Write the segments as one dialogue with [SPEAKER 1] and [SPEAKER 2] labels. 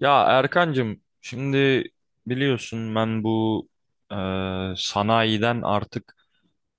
[SPEAKER 1] Ya Erkancığım şimdi biliyorsun ben bu e, sanayiden artık,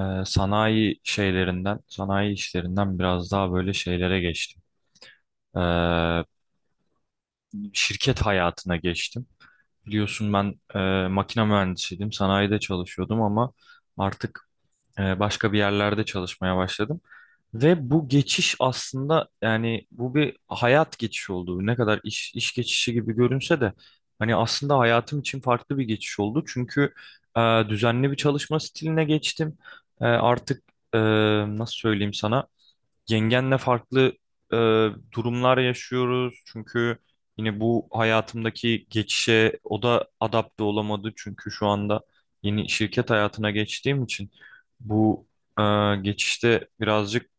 [SPEAKER 1] sanayi şeylerinden, sanayi işlerinden biraz daha böyle şeylere geçtim. E, Şirket hayatına geçtim. Biliyorsun ben makine mühendisiydim, sanayide çalışıyordum ama artık başka bir yerlerde çalışmaya başladım. Ve bu geçiş aslında, yani bu bir hayat geçişi oldu. Ne kadar iş geçişi gibi görünse de hani aslında hayatım için farklı bir geçiş oldu. Çünkü düzenli bir çalışma stiline geçtim. E, artık e, nasıl söyleyeyim sana? Yengenle farklı e, durumlar yaşıyoruz. Çünkü yine bu hayatımdaki geçişe o da adapte olamadı. Çünkü şu anda yeni şirket hayatına geçtiğim için bu e, geçişte birazcık,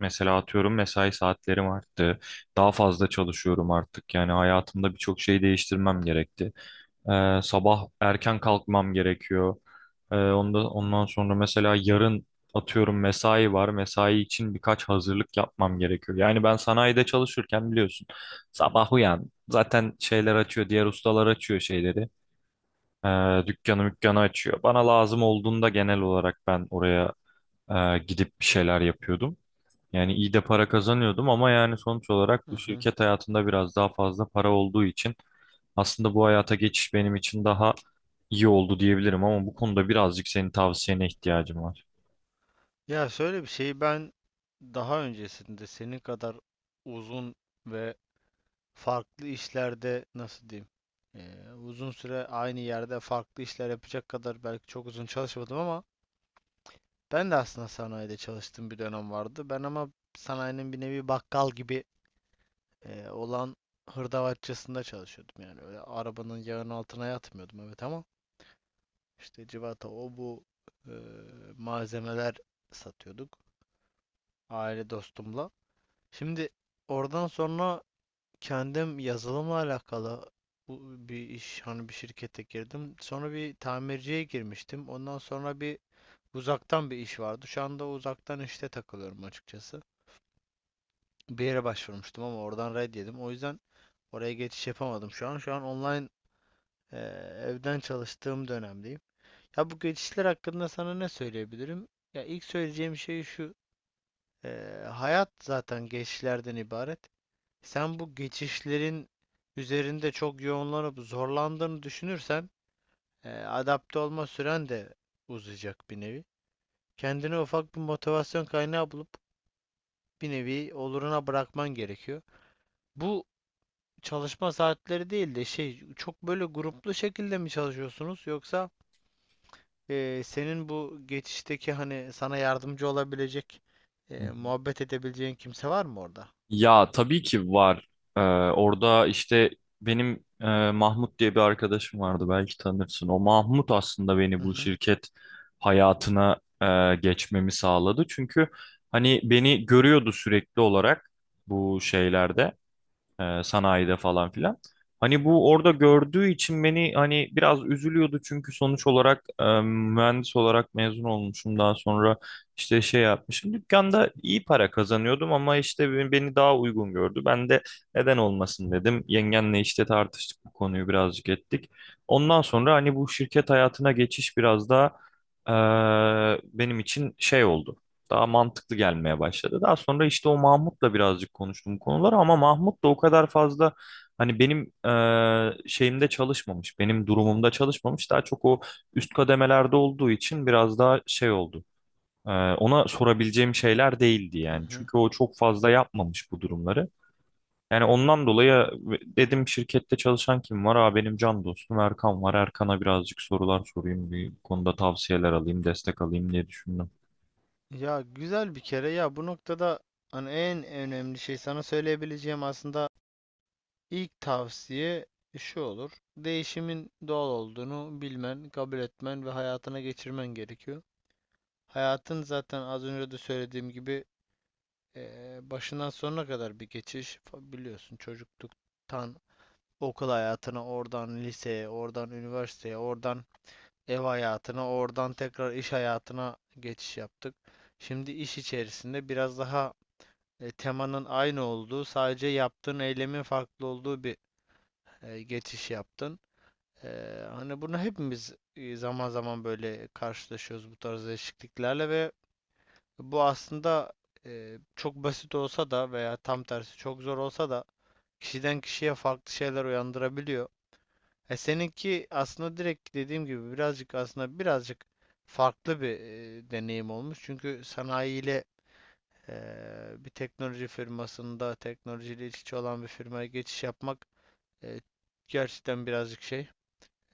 [SPEAKER 1] mesela atıyorum, mesai saatlerim arttı. Daha fazla çalışıyorum artık. Yani hayatımda birçok şey değiştirmem gerekti. Sabah erken kalkmam gerekiyor. Ondan sonra mesela yarın atıyorum mesai var. Mesai için birkaç hazırlık yapmam gerekiyor. Yani ben sanayide çalışırken biliyorsun sabah uyan, zaten şeyler açıyor. Diğer ustalar açıyor şeyleri. Dükkanı mükkanı açıyor. Bana lazım olduğunda genel olarak ben oraya gidip bir şeyler yapıyordum. Yani iyi de para kazanıyordum ama yani sonuç olarak
[SPEAKER 2] Hı
[SPEAKER 1] bu
[SPEAKER 2] hı.
[SPEAKER 1] şirket hayatında biraz daha fazla para olduğu için aslında bu hayata geçiş benim için daha iyi oldu diyebilirim ama bu konuda birazcık senin tavsiyene ihtiyacım var.
[SPEAKER 2] Ya şöyle bir şeyi ben daha öncesinde senin kadar uzun ve farklı işlerde nasıl diyeyim uzun süre aynı yerde farklı işler yapacak kadar belki çok uzun çalışmadım ama ben de aslında sanayide çalıştığım bir dönem vardı. Ben ama sanayinin bir nevi bakkal gibi olan hırdavatçısında çalışıyordum, yani öyle arabanın yağının altına yatmıyordum, evet, ama işte civata o bu eee, malzemeler satıyorduk aile dostumla. Şimdi oradan sonra kendim yazılımla alakalı bir iş, hani bir şirkete girdim. Sonra bir tamirciye girmiştim. Ondan sonra bir uzaktan bir iş vardı. Şu anda uzaktan işte takılıyorum açıkçası. Bir yere başvurmuştum ama oradan red yedim. O yüzden oraya geçiş yapamadım şu an. Şu an online eee, evden çalıştığım dönemdeyim. Ya bu geçişler hakkında sana ne söyleyebilirim? Ya ilk söyleyeceğim şey şu. Hayat zaten geçişlerden ibaret. Sen bu geçişlerin üzerinde çok yoğunlanıp zorlandığını düşünürsen adapte olma süren de uzayacak bir nevi. Kendine ufak bir motivasyon kaynağı bulup bir nevi oluruna bırakman gerekiyor. Bu çalışma saatleri değil de şey, çok böyle gruplu şekilde mi çalışıyorsunuz, yoksa senin bu geçişteki hani sana yardımcı olabilecek
[SPEAKER 1] Hı hı.
[SPEAKER 2] muhabbet edebileceğin kimse var mı orada?
[SPEAKER 1] Ya tabii ki var. Ee, Orada işte benim Mahmut diye bir arkadaşım vardı, belki tanırsın. O Mahmut aslında
[SPEAKER 2] Hı
[SPEAKER 1] beni bu
[SPEAKER 2] hı.
[SPEAKER 1] şirket hayatına geçmemi sağladı. Çünkü hani beni görüyordu sürekli olarak bu şeylerde. Sanayide falan filan. Hani bu orada gördüğü için beni, hani biraz üzülüyordu çünkü sonuç olarak mühendis olarak mezun olmuşum, daha sonra işte şey yapmışım. Dükkanda iyi para kazanıyordum ama işte beni daha uygun gördü. Ben de neden olmasın dedim. Yengenle işte tartıştık, bu konuyu birazcık ettik. Ondan sonra hani bu şirket hayatına geçiş biraz daha benim için şey oldu. Daha mantıklı gelmeye başladı. Daha sonra işte o Mahmut'la birazcık konuştum bu konuları ama Mahmut da o kadar fazla hani benim şeyimde çalışmamış, benim durumumda çalışmamış. Daha çok o üst kademelerde olduğu için biraz daha şey oldu. Ona sorabileceğim şeyler değildi
[SPEAKER 2] Hı
[SPEAKER 1] yani.
[SPEAKER 2] hı.
[SPEAKER 1] Çünkü o çok fazla yapmamış bu durumları. Yani ondan dolayı dedim, şirkette çalışan kim var? Aa, benim can dostum Erkan var. Erkan'a birazcık sorular sorayım, bir konuda tavsiyeler alayım, destek alayım diye düşündüm.
[SPEAKER 2] Ya güzel bir kere ya, bu noktada hani en önemli şey sana söyleyebileceğim, aslında ilk tavsiye şu olur. Değişimin doğal olduğunu bilmen, kabul etmen ve hayatına geçirmen gerekiyor. Hayatın zaten az önce de söylediğim gibi başından sonuna kadar bir geçiş. Biliyorsun, çocukluktan okul hayatına, oradan liseye, oradan üniversiteye, oradan ev hayatına, oradan tekrar iş hayatına geçiş yaptık. Şimdi iş içerisinde biraz daha temanın aynı olduğu, sadece yaptığın eylemin farklı olduğu bir geçiş yaptın. E, Hani bunu hepimiz zaman zaman böyle karşılaşıyoruz bu tarz değişikliklerle ve bu aslında çok basit olsa da veya tam tersi çok zor olsa da kişiden kişiye farklı şeyler uyandırabiliyor. Seninki aslında direkt dediğim gibi birazcık, aslında birazcık farklı bir deneyim olmuş. Çünkü sanayiyle bir teknoloji firmasında, teknolojiyle iç içe olan bir firmaya geçiş yapmak eee, gerçekten birazcık şey,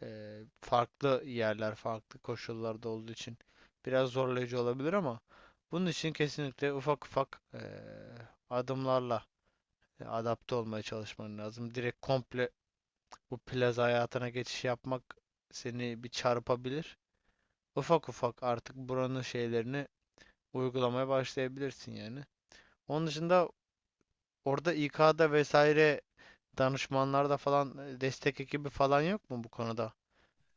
[SPEAKER 2] farklı yerler, farklı koşullarda olduğu için biraz zorlayıcı olabilir ama bunun için kesinlikle ufak ufak adımlarla adapte olmaya çalışman lazım. Direkt komple bu plaza hayatına geçiş yapmak seni bir çarpabilir. Ufak ufak artık buranın şeylerini uygulamaya başlayabilirsin yani. Onun dışında orada İK'da vesaire, danışmanlarda falan destek ekibi falan yok mu bu konuda?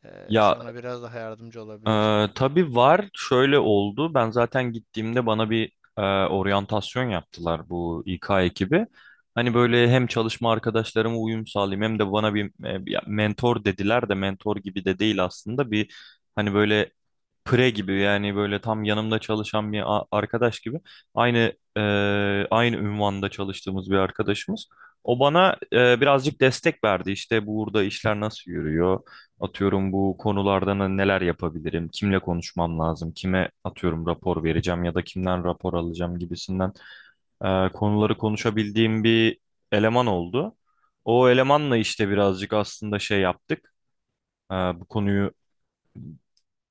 [SPEAKER 1] Ya
[SPEAKER 2] Sana biraz daha yardımcı olabilecek.
[SPEAKER 1] Ee, tabii var. Şöyle oldu. Ben zaten gittiğimde bana bir oryantasyon yaptılar bu İK ekibi. Hani böyle hem çalışma arkadaşlarıma uyum sağlayayım hem de bana ya mentor dediler de mentor gibi de değil aslında. Bir hani böyle pre gibi, yani böyle tam yanımda çalışan bir arkadaş gibi aynı e, aynı ünvanda çalıştığımız bir arkadaşımız. O bana birazcık destek verdi. İşte burada işler nasıl yürüyor? Atıyorum bu konularda neler yapabilirim? Kimle konuşmam lazım? Kime atıyorum rapor vereceğim ya da kimden rapor alacağım gibisinden konuları konuşabildiğim bir eleman oldu. O elemanla işte birazcık aslında şey yaptık. Bu konuyu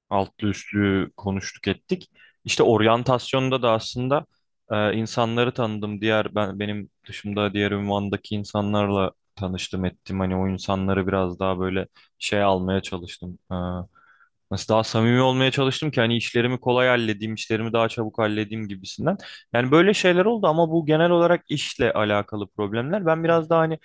[SPEAKER 1] altlı üstlü konuştuk ettik. İşte oryantasyonda da aslında insanları tanıdım. Diğer ben Benim dışımda diğer ünvandaki insanlarla tanıştım ettim. Hani o insanları biraz daha böyle şey almaya çalıştım. Nasıl daha samimi olmaya çalıştım ki hani işlerimi kolay halledeyim, işlerimi daha çabuk halledeyim gibisinden. Yani böyle şeyler oldu ama bu genel olarak işle alakalı problemler. Ben
[SPEAKER 2] Hı
[SPEAKER 1] biraz
[SPEAKER 2] hı.
[SPEAKER 1] daha hani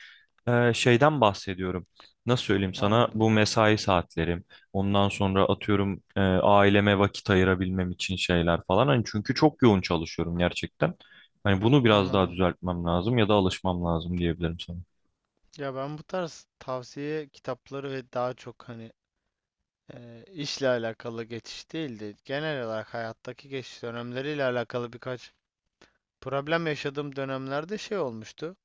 [SPEAKER 1] şeyden bahsediyorum. Nasıl söyleyeyim sana?
[SPEAKER 2] Anladım.
[SPEAKER 1] Bu mesai saatlerim. Ondan sonra atıyorum aileme vakit ayırabilmem için şeyler falan. Hani çünkü çok yoğun çalışıyorum gerçekten. Hani bunu biraz daha
[SPEAKER 2] Anladım.
[SPEAKER 1] düzeltmem lazım ya da alışmam lazım diyebilirim sana.
[SPEAKER 2] Ya ben bu tarz tavsiye kitapları ve daha çok hani işle alakalı geçiş değil de genel olarak hayattaki geçiş dönemleriyle alakalı birkaç problem yaşadığım dönemlerde şey olmuştu.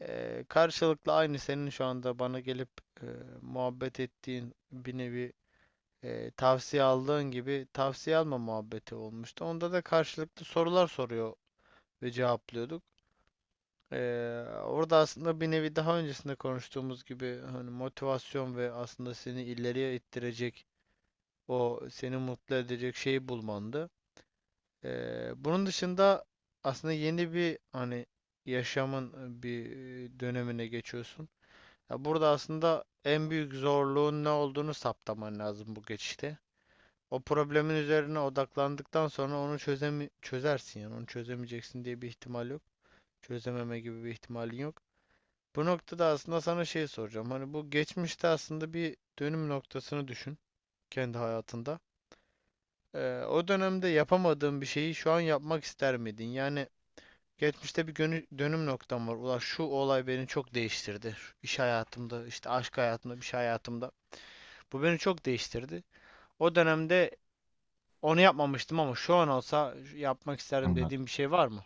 [SPEAKER 2] Karşılıklı aynı senin şu anda bana gelip e, muhabbet ettiğin bir nevi tavsiye aldığın gibi tavsiye alma muhabbeti olmuştu. Onda da karşılıklı sorular soruyor ve cevaplıyorduk. Orada aslında bir nevi daha öncesinde konuştuğumuz gibi hani motivasyon ve aslında seni ileriye ittirecek, o seni mutlu edecek şeyi bulmandı. Bunun dışında aslında yeni bir, hani yaşamın bir dönemine geçiyorsun. Ya burada aslında en büyük zorluğun ne olduğunu saptaman lazım bu geçişte. O problemin üzerine odaklandıktan sonra onu çözersin, yani onu çözemeyeceksin diye bir ihtimal yok. Çözememe gibi bir ihtimalin yok. Bu noktada aslında sana şey soracağım. Hani bu geçmişte aslında bir dönüm noktasını düşün kendi hayatında. O dönemde yapamadığın bir şeyi şu an yapmak ister miydin? Yani geçmişte bir dönüm noktam var. Ulan şu olay beni çok değiştirdi. İş hayatımda, işte aşk hayatımda, bir şey hayatımda. Bu beni çok değiştirdi. O dönemde onu yapmamıştım ama şu an olsa yapmak isterdim
[SPEAKER 1] Anladım.
[SPEAKER 2] dediğim bir şey var mı?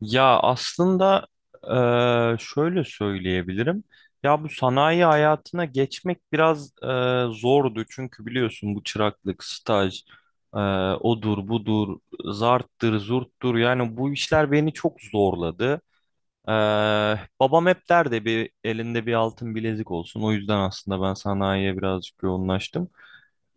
[SPEAKER 1] Ya aslında şöyle söyleyebilirim. Ya bu sanayi hayatına geçmek biraz zordu. Çünkü biliyorsun bu çıraklık, staj, eee, odur budur, zarttır, zurttur. Yani bu işler beni çok zorladı. Ee, Babam hep derdi bir elinde bir altın bilezik olsun. O yüzden aslında ben sanayiye birazcık yoğunlaştım.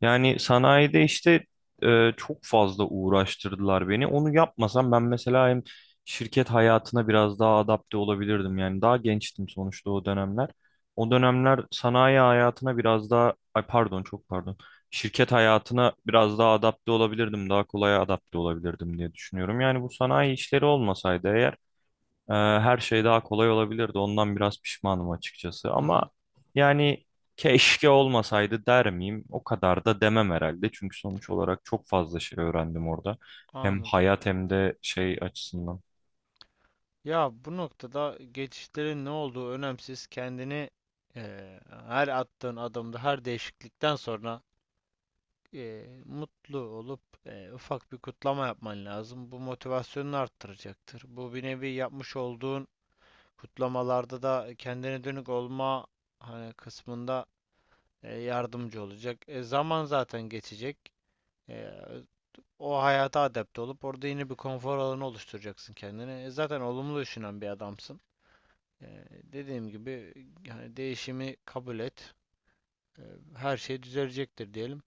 [SPEAKER 1] Yani sanayide işte çok fazla uğraştırdılar beni. Onu yapmasam ben mesela hem şirket hayatına biraz daha adapte olabilirdim. Yani daha gençtim sonuçta o dönemler. O dönemler sanayi hayatına biraz daha, ay pardon, çok pardon. Şirket hayatına biraz daha adapte olabilirdim. Daha kolay adapte olabilirdim diye düşünüyorum. Yani bu sanayi işleri olmasaydı eğer her şey daha kolay olabilirdi. Ondan biraz pişmanım açıkçası.
[SPEAKER 2] Hı
[SPEAKER 1] Ama
[SPEAKER 2] hı,
[SPEAKER 1] yani keşke olmasaydı der miyim? O kadar da demem herhalde. Çünkü sonuç olarak çok fazla şey öğrendim orada. Hem
[SPEAKER 2] anladım.
[SPEAKER 1] hayat hem de şey açısından.
[SPEAKER 2] Ya bu noktada geçişlerin ne olduğu önemsiz. Kendini eee, her attığın adımda, her değişiklikten sonra mutlu olup ufak bir kutlama yapman lazım. Bu motivasyonunu arttıracaktır. Bu bir nevi yapmış olduğun kutlamalarda da kendine dönük olma hani kısmında yardımcı olacak. E, zaman zaten geçecek. E, o hayata adapte olup orada yine bir konfor alanı oluşturacaksın kendine. E, zaten olumlu düşünen bir adamsın. E, dediğim gibi yani değişimi kabul et. E, her şey düzelecektir diyelim.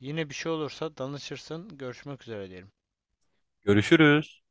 [SPEAKER 2] Yine bir şey olursa danışırsın. Görüşmek üzere diyelim.
[SPEAKER 1] Görüşürüz.